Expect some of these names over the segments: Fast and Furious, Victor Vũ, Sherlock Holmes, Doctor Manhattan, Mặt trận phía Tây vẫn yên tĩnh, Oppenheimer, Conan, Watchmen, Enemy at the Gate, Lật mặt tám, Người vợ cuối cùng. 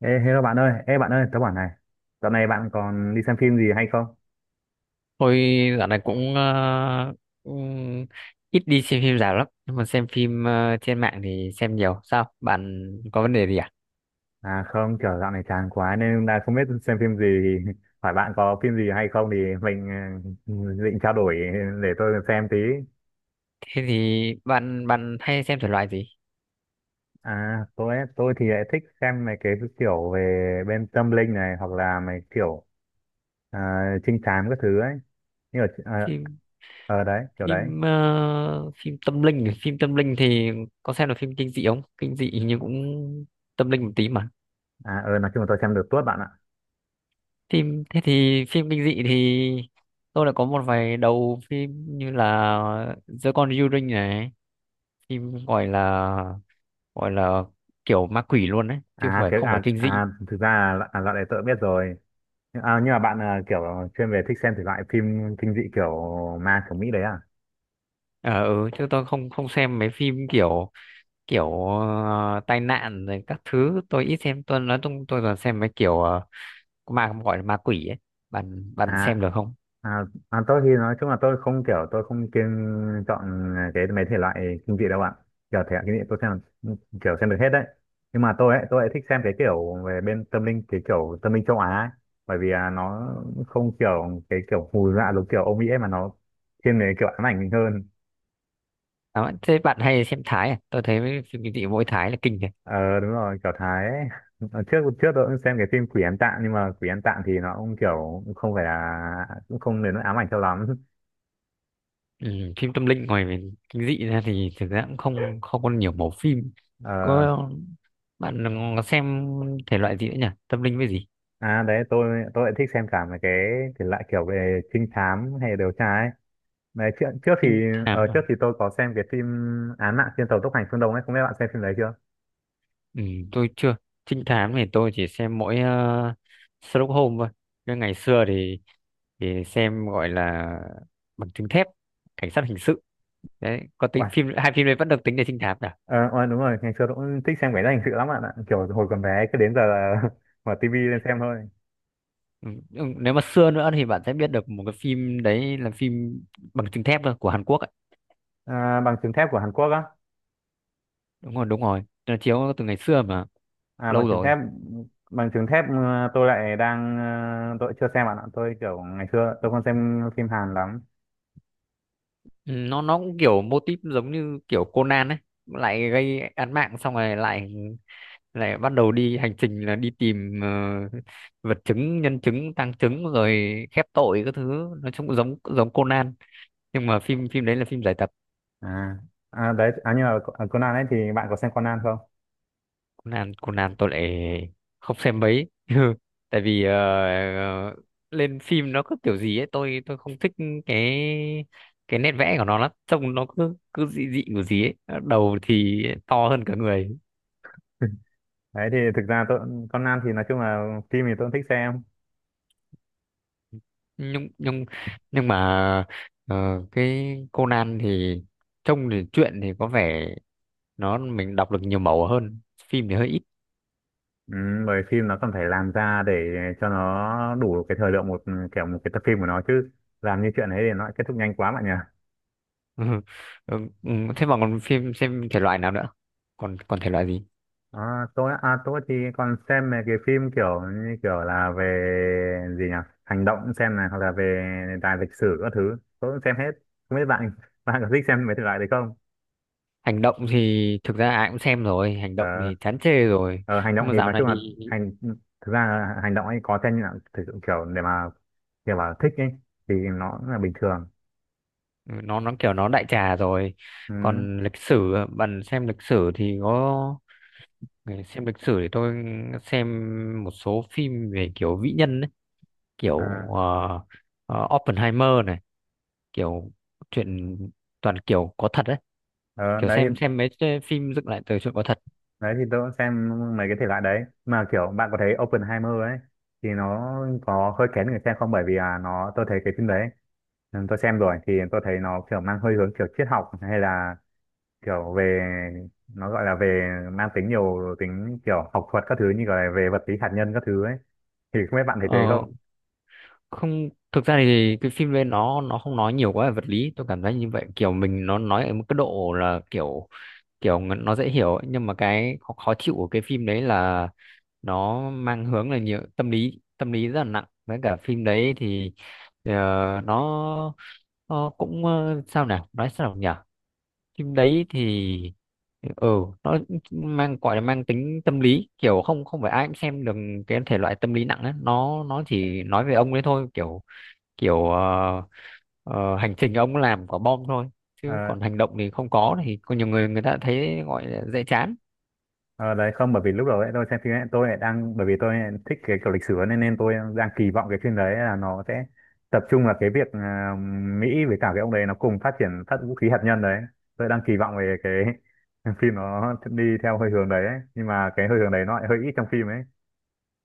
Ê, hello bạn ơi, ê bạn ơi, tớ bảo này, dạo này bạn còn đi xem phim gì hay không? Tôi dạo này cũng ít đi xem phim rạp lắm, nhưng mà xem phim trên mạng thì xem nhiều. Sao bạn có vấn đề gì à? À không, kiểu dạo này chán quá nên là không biết xem phim gì, thì hỏi bạn có phim gì hay không thì mình ừ, định trao đổi để tôi xem tí. Thế thì bạn bạn hay xem thể loại gì? À tôi ấy, tôi thì lại thích xem mấy cái kiểu về bên tâm linh này hoặc là mấy kiểu à, trinh thám các thứ ấy. Như ở, ờ Phim ờ, Đấy, kiểu đấy. phim ờ, Phim tâm linh, phim tâm linh thì có xem được. Phim kinh dị không kinh dị nhưng cũng tâm linh một tí mà. À nói chung là tôi xem được tuốt bạn ạ. Thế thì phim kinh dị thì tôi đã có một vài đầu phim như là giữa con yêu đương này, phim gọi là kiểu ma quỷ luôn đấy, chứ không À phải cái, không phải kinh dị. Thực ra là loại đấy tớ biết rồi nhưng mà bạn à, kiểu chuyên về thích xem thể loại phim kinh dị kiểu ma kiểu Mỹ đấy à. Ờ ừ, chứ tôi không không xem mấy phim kiểu kiểu ờ, tai nạn rồi các thứ, tôi ít xem. Tôi nói chung tôi toàn xem mấy kiểu ma, gọi là ma quỷ ấy. Bạn bạn à xem được không? à, à tôi thì nói chung là tôi không kiêng chọn cái mấy thể loại kinh dị đâu ạ. Kiểu thể loại kinh dị tôi xem kiểu xem được hết đấy nhưng mà tôi ấy thích xem cái kiểu về bên tâm linh cái kiểu tâm linh châu Á ấy. Bởi vì nó không kiểu cái kiểu hù dọa giống kiểu Âu Mỹ ấy mà nó thiên về kiểu ám ảnh mình hơn. À, thế bạn hay xem Thái à? Tôi thấy mấy phim kinh dị mỗi Thái là kinh này. Ờ đúng rồi kiểu Thái ấy. Ờ, trước trước tôi cũng xem cái phim Quỷ Ăn Tạng nhưng mà Quỷ Ăn Tạng thì nó cũng kiểu cũng không phải là cũng không đến nỗi ám ảnh cho lắm. Ừ, phim tâm linh ngoài về kinh dị ra thì thực ra cũng không không có nhiều mẫu phim. ờ, Có, bạn xem thể loại gì nữa nhỉ, tâm linh với gì? Đấy, tôi lại thích xem cả mấy cái thể loại kiểu về trinh thám hay điều tra ấy. Đấy trước trước thì Trinh ờ, thám à? trước thì tôi có xem cái phim Án mạng trên tàu tốc hành phương Đông ấy, không biết bạn xem phim đấy chưa? Ừ, tôi chưa. Trinh thám thì tôi chỉ xem mỗi Sherlock Holmes thôi. Nhưng ngày xưa thì xem gọi là bằng chứng thép, cảnh sát hình sự đấy, có tính Uầy, phim. Hai phim đấy vẫn được tính là trinh thám cả. Ờ, đúng rồi ngày xưa tôi cũng thích xem cái đó hình sự lắm bạn ạ, kiểu hồi còn bé cứ đến giờ là mở tivi lên xem thôi. Ừ. Ừ, nếu mà xưa nữa thì bạn sẽ biết được một cái phim đấy là phim bằng chứng thép thôi, của Hàn Quốc ấy. À, bằng chứng thép của Hàn Quốc á? Đúng rồi đúng rồi, nó chiếu từ ngày xưa mà, À, bằng lâu chứng rồi. thép bằng chứng thép Ờ, tôi lại đang ờ, Tôi chưa xem bạn ạ. Tôi kiểu ngày xưa tôi không xem phim Hàn lắm. Ừ, nó cũng kiểu mô típ giống như kiểu Conan ấy, lại gây án mạng xong rồi lại lại bắt đầu đi hành trình là đi tìm vật chứng, nhân chứng, tang chứng, rồi khép tội các thứ. Nói chung cũng giống giống Conan, nhưng mà phim phim đấy là phim giải tập. À, à, đấy, nhưng mà Conan ấy thì bạn có xem Conan không? Conan Conan tôi lại không xem mấy, tại vì ờ, lên phim nó cứ kiểu gì ấy, tôi không thích cái cái nét vẽ của nó lắm, trông nó cứ cứ dị dị của gì ấy, đầu thì to hơn cả người. Đấy thì thực ra tôi Conan thì nói chung là phim thì tôi cũng thích xem. nhưng nhưng nhưng mà ờ, cái Conan thì trông thì truyện thì có vẻ nó mình đọc được nhiều màu hơn, phim thì hơi ít. Ừ, bởi phim nó cần phải làm ra để cho nó đủ cái thời lượng một kiểu một cái tập phim của nó chứ làm như chuyện ấy thì nó kết thúc nhanh quá bạn nhỉ. Ừ. Ừ. Ừ, thế mà còn phim xem thể loại nào nữa, còn còn thể loại gì? À, tôi thì còn xem mấy cái phim kiểu như kiểu là về gì nhỉ, hành động xem này hoặc là về đề tài lịch sử các thứ tôi cũng xem hết, không biết bạn bạn có thích xem mấy thể loại đấy không? Hành động thì thực ra ai cũng xem rồi, hành động ờ, thì chán chê rồi. ờ, Hành Nhưng động mà thì dạo nói này chung là thì hành thực ra là hành động ấy có xem như là thực sự kiểu để mà kiểu bảo thích ấy thì nó cũng là bình thường. ừ, nó kiểu nó đại trà rồi. Ừ. Còn lịch sử, bạn xem lịch sử thì có. Xem lịch sử thì tôi xem một số phim về kiểu vĩ nhân, kiểu à, ờ, Oppenheimer này, kiểu chuyện toàn kiểu có thật đấy, ờ, kiểu đấy xem mấy cái phim dựng lại từ chuyện có thật. đấy thì tôi cũng xem mấy cái thể loại đấy mà kiểu bạn có thấy Oppenheimer ấy thì nó có hơi kén người xem không, bởi vì là nó tôi thấy cái phim đấy. Ừ, tôi xem rồi thì tôi thấy nó kiểu mang hơi hướng kiểu triết học hay là kiểu về nó gọi là về mang tính nhiều tính kiểu học thuật các thứ như gọi là về vật lý hạt nhân các thứ ấy, thì không biết bạn thấy thế Ờ, không? không, thực ra thì cái phim lên nó không nói nhiều quá về vật lý, tôi cảm thấy như vậy, kiểu mình nó nói ở một cái độ là kiểu kiểu nó dễ hiểu ấy. Nhưng mà cái khó, khó chịu của cái phim đấy là nó mang hướng là nhiều tâm lý, tâm lý rất là nặng. Với cả phim đấy thì ờ, nó nó cũng sao nào nói sao nhỉ, phim đấy thì ừ nó mang, gọi là mang tính tâm lý, kiểu không không phải ai cũng xem được cái thể loại tâm lý nặng ấy. Nó chỉ nói về ông ấy thôi, kiểu kiểu ờ, ờ, hành trình ông làm quả bom thôi, chứ ờ, còn hành động thì không có. Thì có nhiều người, người ta thấy gọi là dễ chán. ờ, Đấy, không, bởi vì lúc đầu ấy tôi xem phim ấy tôi lại đang bởi vì tôi lại thích cái kiểu lịch sử ấy, nên nên tôi đang kỳ vọng cái phim đấy là nó sẽ tập trung vào cái việc Mỹ với cả cái ông đấy nó cùng phát triển phát vũ khí hạt nhân đấy, tôi đang kỳ vọng về cái phim nó đi theo hơi hướng đấy ấy. Nhưng mà cái hơi hướng đấy nó lại hơi ít trong phim ấy.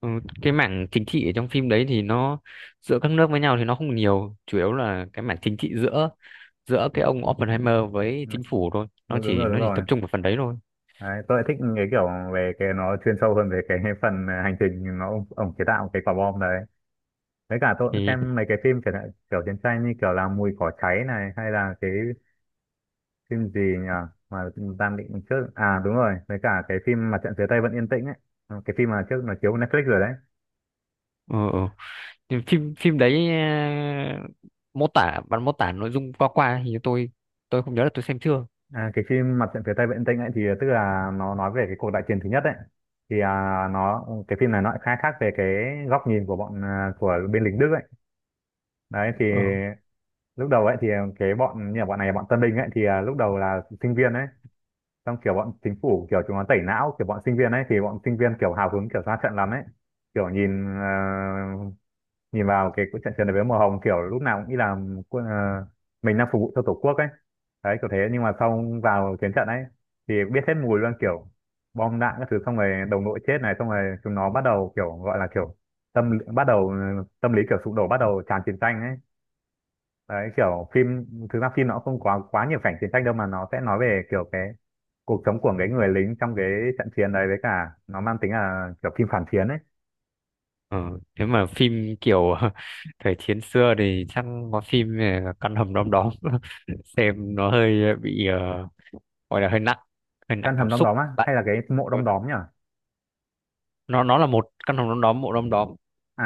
Ừ, cái mảng chính trị ở trong phim đấy thì nó giữa các nước với nhau thì nó không nhiều, chủ yếu là cái mảng chính trị giữa giữa cái ông Oppenheimer với chính phủ thôi. nó Đúng, đúng chỉ rồi, đúng nó chỉ tập rồi, trung vào phần đấy thôi. đấy, tôi lại thích cái kiểu về cái nó chuyên sâu hơn về cái phần hành trình nó ông chế tạo cái quả bom đấy, với cả tôi cũng Thì xem mấy cái phim kiểu chiến tranh như kiểu là mùi cỏ cháy này hay là cái phim gì nhỉ mà Tam Định trước à đúng rồi với cả cái phim Mặt trận phía Tây vẫn yên tĩnh ấy. Ừ, cái phim mà trước nó chiếu Netflix rồi đấy. ừ, ừ. Thì phim phim đấy à, mô tả bạn mô tả nội dung qua qua thì tôi không nhớ là tôi xem chưa. Cái phim Mặt trận phía Tây vẫn yên tĩnh ấy thì tức là nó nói về cái cuộc đại chiến thứ nhất ấy, thì à, nó cái phim này nó lại khai thác về cái góc nhìn của bên lính Đức ấy. Đấy thì ờ lúc đầu ấy thì cái bọn như là bọn này bọn Tân Bình ấy thì lúc đầu là sinh viên ấy, xong kiểu bọn chính phủ kiểu chúng nó tẩy não kiểu bọn sinh viên ấy thì bọn sinh viên kiểu hào hứng kiểu ra trận lắm ấy, kiểu nhìn vào cái trận trận đấu với màu hồng kiểu lúc nào cũng nghĩ là quân- ờ, mình đang phục vụ cho tổ quốc ấy. Đấy kiểu thế nhưng mà xong vào chiến trận ấy thì biết hết mùi luôn, kiểu bom đạn các thứ xong rồi đồng đội chết này xong rồi chúng nó bắt đầu kiểu gọi là kiểu tâm lý kiểu sụp đổ bắt đầu tràn chiến tranh ấy. Đấy kiểu phim thực ra phim nó không quá quá nhiều cảnh chiến tranh đâu mà nó sẽ nói về kiểu cái cuộc sống của cái người lính trong cái trận chiến đấy, với cả nó mang tính là kiểu phim phản chiến ấy. ờ Thế mà phim kiểu thời chiến xưa thì chắc có phim à, căn hầm đom đóm. Xem nó hơi bị gọi là hơi nặng, hơi nặng Căn cảm hầm đom xúc đóm á bạn. hay là cái mộ đom đóm nhỉ? Nó là một căn hầm đom đóm, bộ đom đóm. À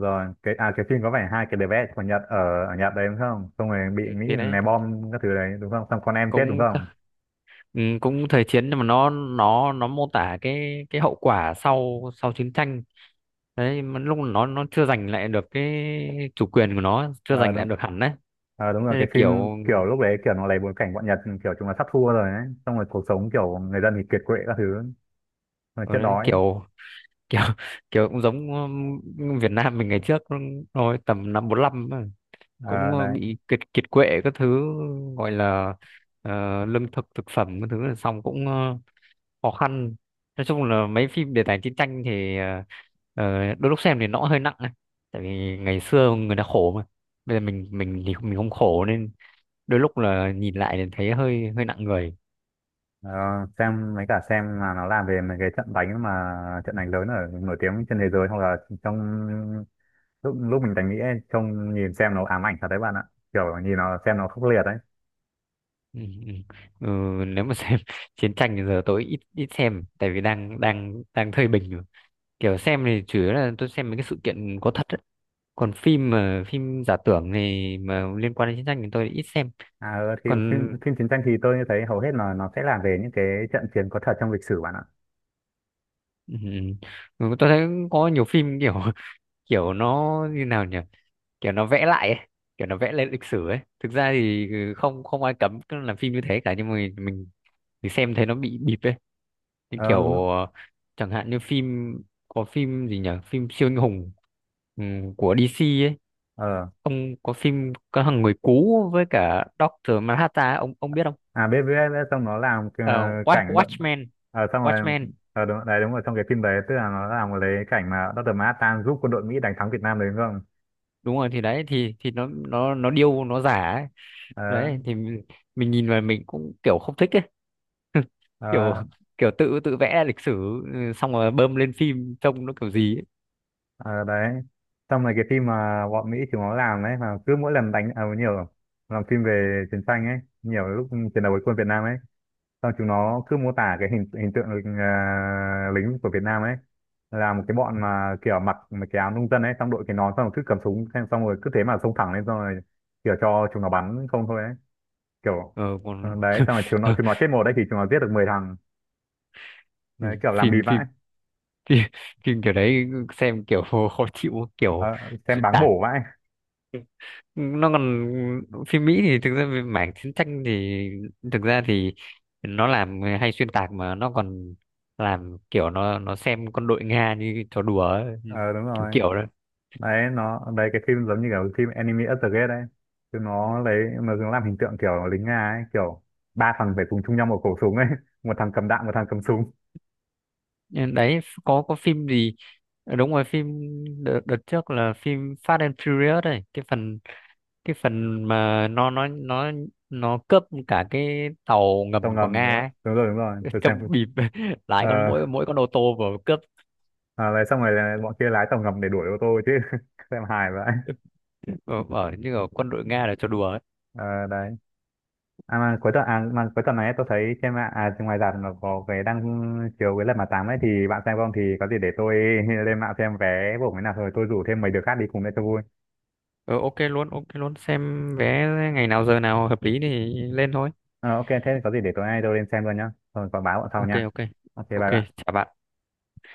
rồi cái cái phim có vẻ hai cái đứa bé của Nhật ở ở Nhật đấy đúng không, xong rồi bị Ừ, Mỹ thì đấy ném bom các thứ đấy đúng không, xong con em chết đúng cũng. không? Ừ, cũng thời chiến, nhưng mà nó mô tả cái hậu quả sau sau chiến tranh đấy, mà lúc nó chưa giành lại được cái chủ quyền của nó, chưa ờ giành lại đúng được hẳn đấy. Đúng rồi Thế cái nên phim kiểu kiểu lúc đấy kiểu nó lấy bối cảnh bọn Nhật kiểu chúng là sắp thua rồi ấy, xong rồi cuộc sống kiểu người dân thì kiệt quệ các thứ rồi ở chết đấy đói. kiểu kiểu kiểu cũng giống Việt Nam mình ngày trước thôi, tầm năm 45 ấy, cũng Ờ ờ, đấy. bị kiệt kiệt quệ các thứ, gọi là lương thực thực phẩm các thứ, là xong cũng khó khăn. Nói chung là mấy phim đề tài chiến tranh thì đôi lúc xem thì nó cũng hơi nặng ấy. Tại vì ngày xưa người ta khổ mà bây giờ mình thì mình không khổ, nên đôi lúc là nhìn lại thì thấy hơi hơi nặng người. Ờ, xem mấy cả xem là nó làm về mấy cái trận đánh mà trận đánh lớn ở nổi tiếng trên thế giới hoặc là trong lúc lúc mình đánh Mỹ ấy, trông nhìn xem nó ám ảnh thật đấy bạn ạ, kiểu nhìn nó xem nó khốc liệt đấy. Ừ, ừ. Ừ, nếu mà xem chiến tranh thì giờ tôi ít ít xem tại vì đang đang đang thời bình rồi. Kiểu xem thì chủ yếu là tôi xem mấy cái sự kiện có thật ấy. Còn phim mà phim giả tưởng thì mà liên quan đến chiến tranh thì tôi ít xem. À, thì phim Còn phim chiến tranh thì tôi thấy hầu hết là nó sẽ làm về những cái trận chiến có thật trong lịch sử bạn ạ. ừ, ừ. Ừ, tôi thấy có nhiều phim kiểu kiểu nó như nào nhỉ, kiểu nó vẽ lại ấy. Kiểu nó vẽ lên lịch sử ấy, thực ra thì ừ, không không ai cấm cứ làm phim như thế cả, nhưng mà mình thì xem thấy nó bị bịp ấy. Như ờ đúng- kiểu chẳng hạn như phim, có phim gì nhỉ, phim siêu anh hùng của DC ấy, ờ ông có phim có thằng người cú với cả Doctor Manhattan ấy, ông biết không? Biết biết biết, xong nó làm Ờ, Watch cảnh đậm Watchmen xong rồi. Watchmen, Đúng đấy, đúng rồi trong cái phim đấy tức là nó làm lấy cảnh mà Dr. Manhattan giúp quân đội Mỹ đánh thắng Việt Nam đấy đúng không? đúng rồi. Thì đấy thì nó điêu, nó giả ấy. ờ Đấy thì mình nhìn vào mình cũng kiểu không thích ấy. Kiểu ờ kiểu tự tự vẽ lịch sử, ừ, xong rồi bơm lên phim trông nó kiểu gì ấy. Ờ, Đấy, xong rồi cái phim mà bọn Mỹ chúng nó làm ấy mà cứ mỗi lần đánh nhiều làm phim về chiến tranh ấy nhiều lúc chiến đấu với quân Việt Nam ấy xong chúng nó cứ mô tả cái hình hình tượng lính của Việt Nam ấy là một cái bọn mà kiểu mặc mấy cái áo nông dân ấy xong đội cái nón xong rồi cứ cầm súng xong xong rồi cứ thế mà xông thẳng lên xong rồi kiểu cho chúng nó bắn không thôi ấy kiểu. Ờ còn Đấy xong rồi chúng nó chúng nó chết một đấy thì chúng nó giết được 10 thằng, ừ, đấy kiểu làm bì phim vãi. phim phim phim kiểu đấy xem kiểu khó chịu, kiểu Ờ, xem xuyên báng tạc. bổ vãi. Nó còn phim Mỹ thì thực ra về mảng chiến tranh thì thực ra thì nó làm hay xuyên tạc, mà nó còn làm kiểu nó xem con đội Nga như trò đùa ấy. Ờ Đúng Kiểu rồi kiểu đó. đấy cái phim giống như kiểu phim Enemy at the Gate đấy chứ nó lấy mà nó làm hình tượng kiểu lính Nga ấy kiểu ba thằng phải cùng chung nhau một khẩu súng ấy một thằng cầm đạn một thằng cầm súng. Ờ, đấy có phim gì. Ờ, đúng rồi, phim đợt trước là phim Fast and Furious này, cái phần mà nó nó cướp cả cái tàu Tàu ngầm của ngầm Nga đúng không? ấy. Đúng rồi, đúng rồi tôi xem Trong phim. bịp lái ờ con, mỗi mỗi con ô tô vừa cướp. Đấy xong rồi là bọn kia lái tàu ngầm để đuổi ô tô chứ xem hài vậy. Ở, ở như ở quân đội Nga là cho đùa ấy. Ờ đấy. Mà cuối tuần này tôi thấy trên mạng ngoài rạp nó có cái đang chiếu cái lật mặt tám ấy, thì bạn xem không thì có gì để tôi lên mạng xem vé của cái nào rồi tôi rủ thêm mấy đứa khác đi cùng để cho vui. Ờ, ok luôn, ok luôn, xem vé ngày nào giờ nào hợp lý thì lên thôi. Ờ, ok thế có gì để tối nay tôi lên xem luôn nhá. Thôi có báo bọn sau Ok nha. ok. Ok bye Ok, bạn. chào bạn.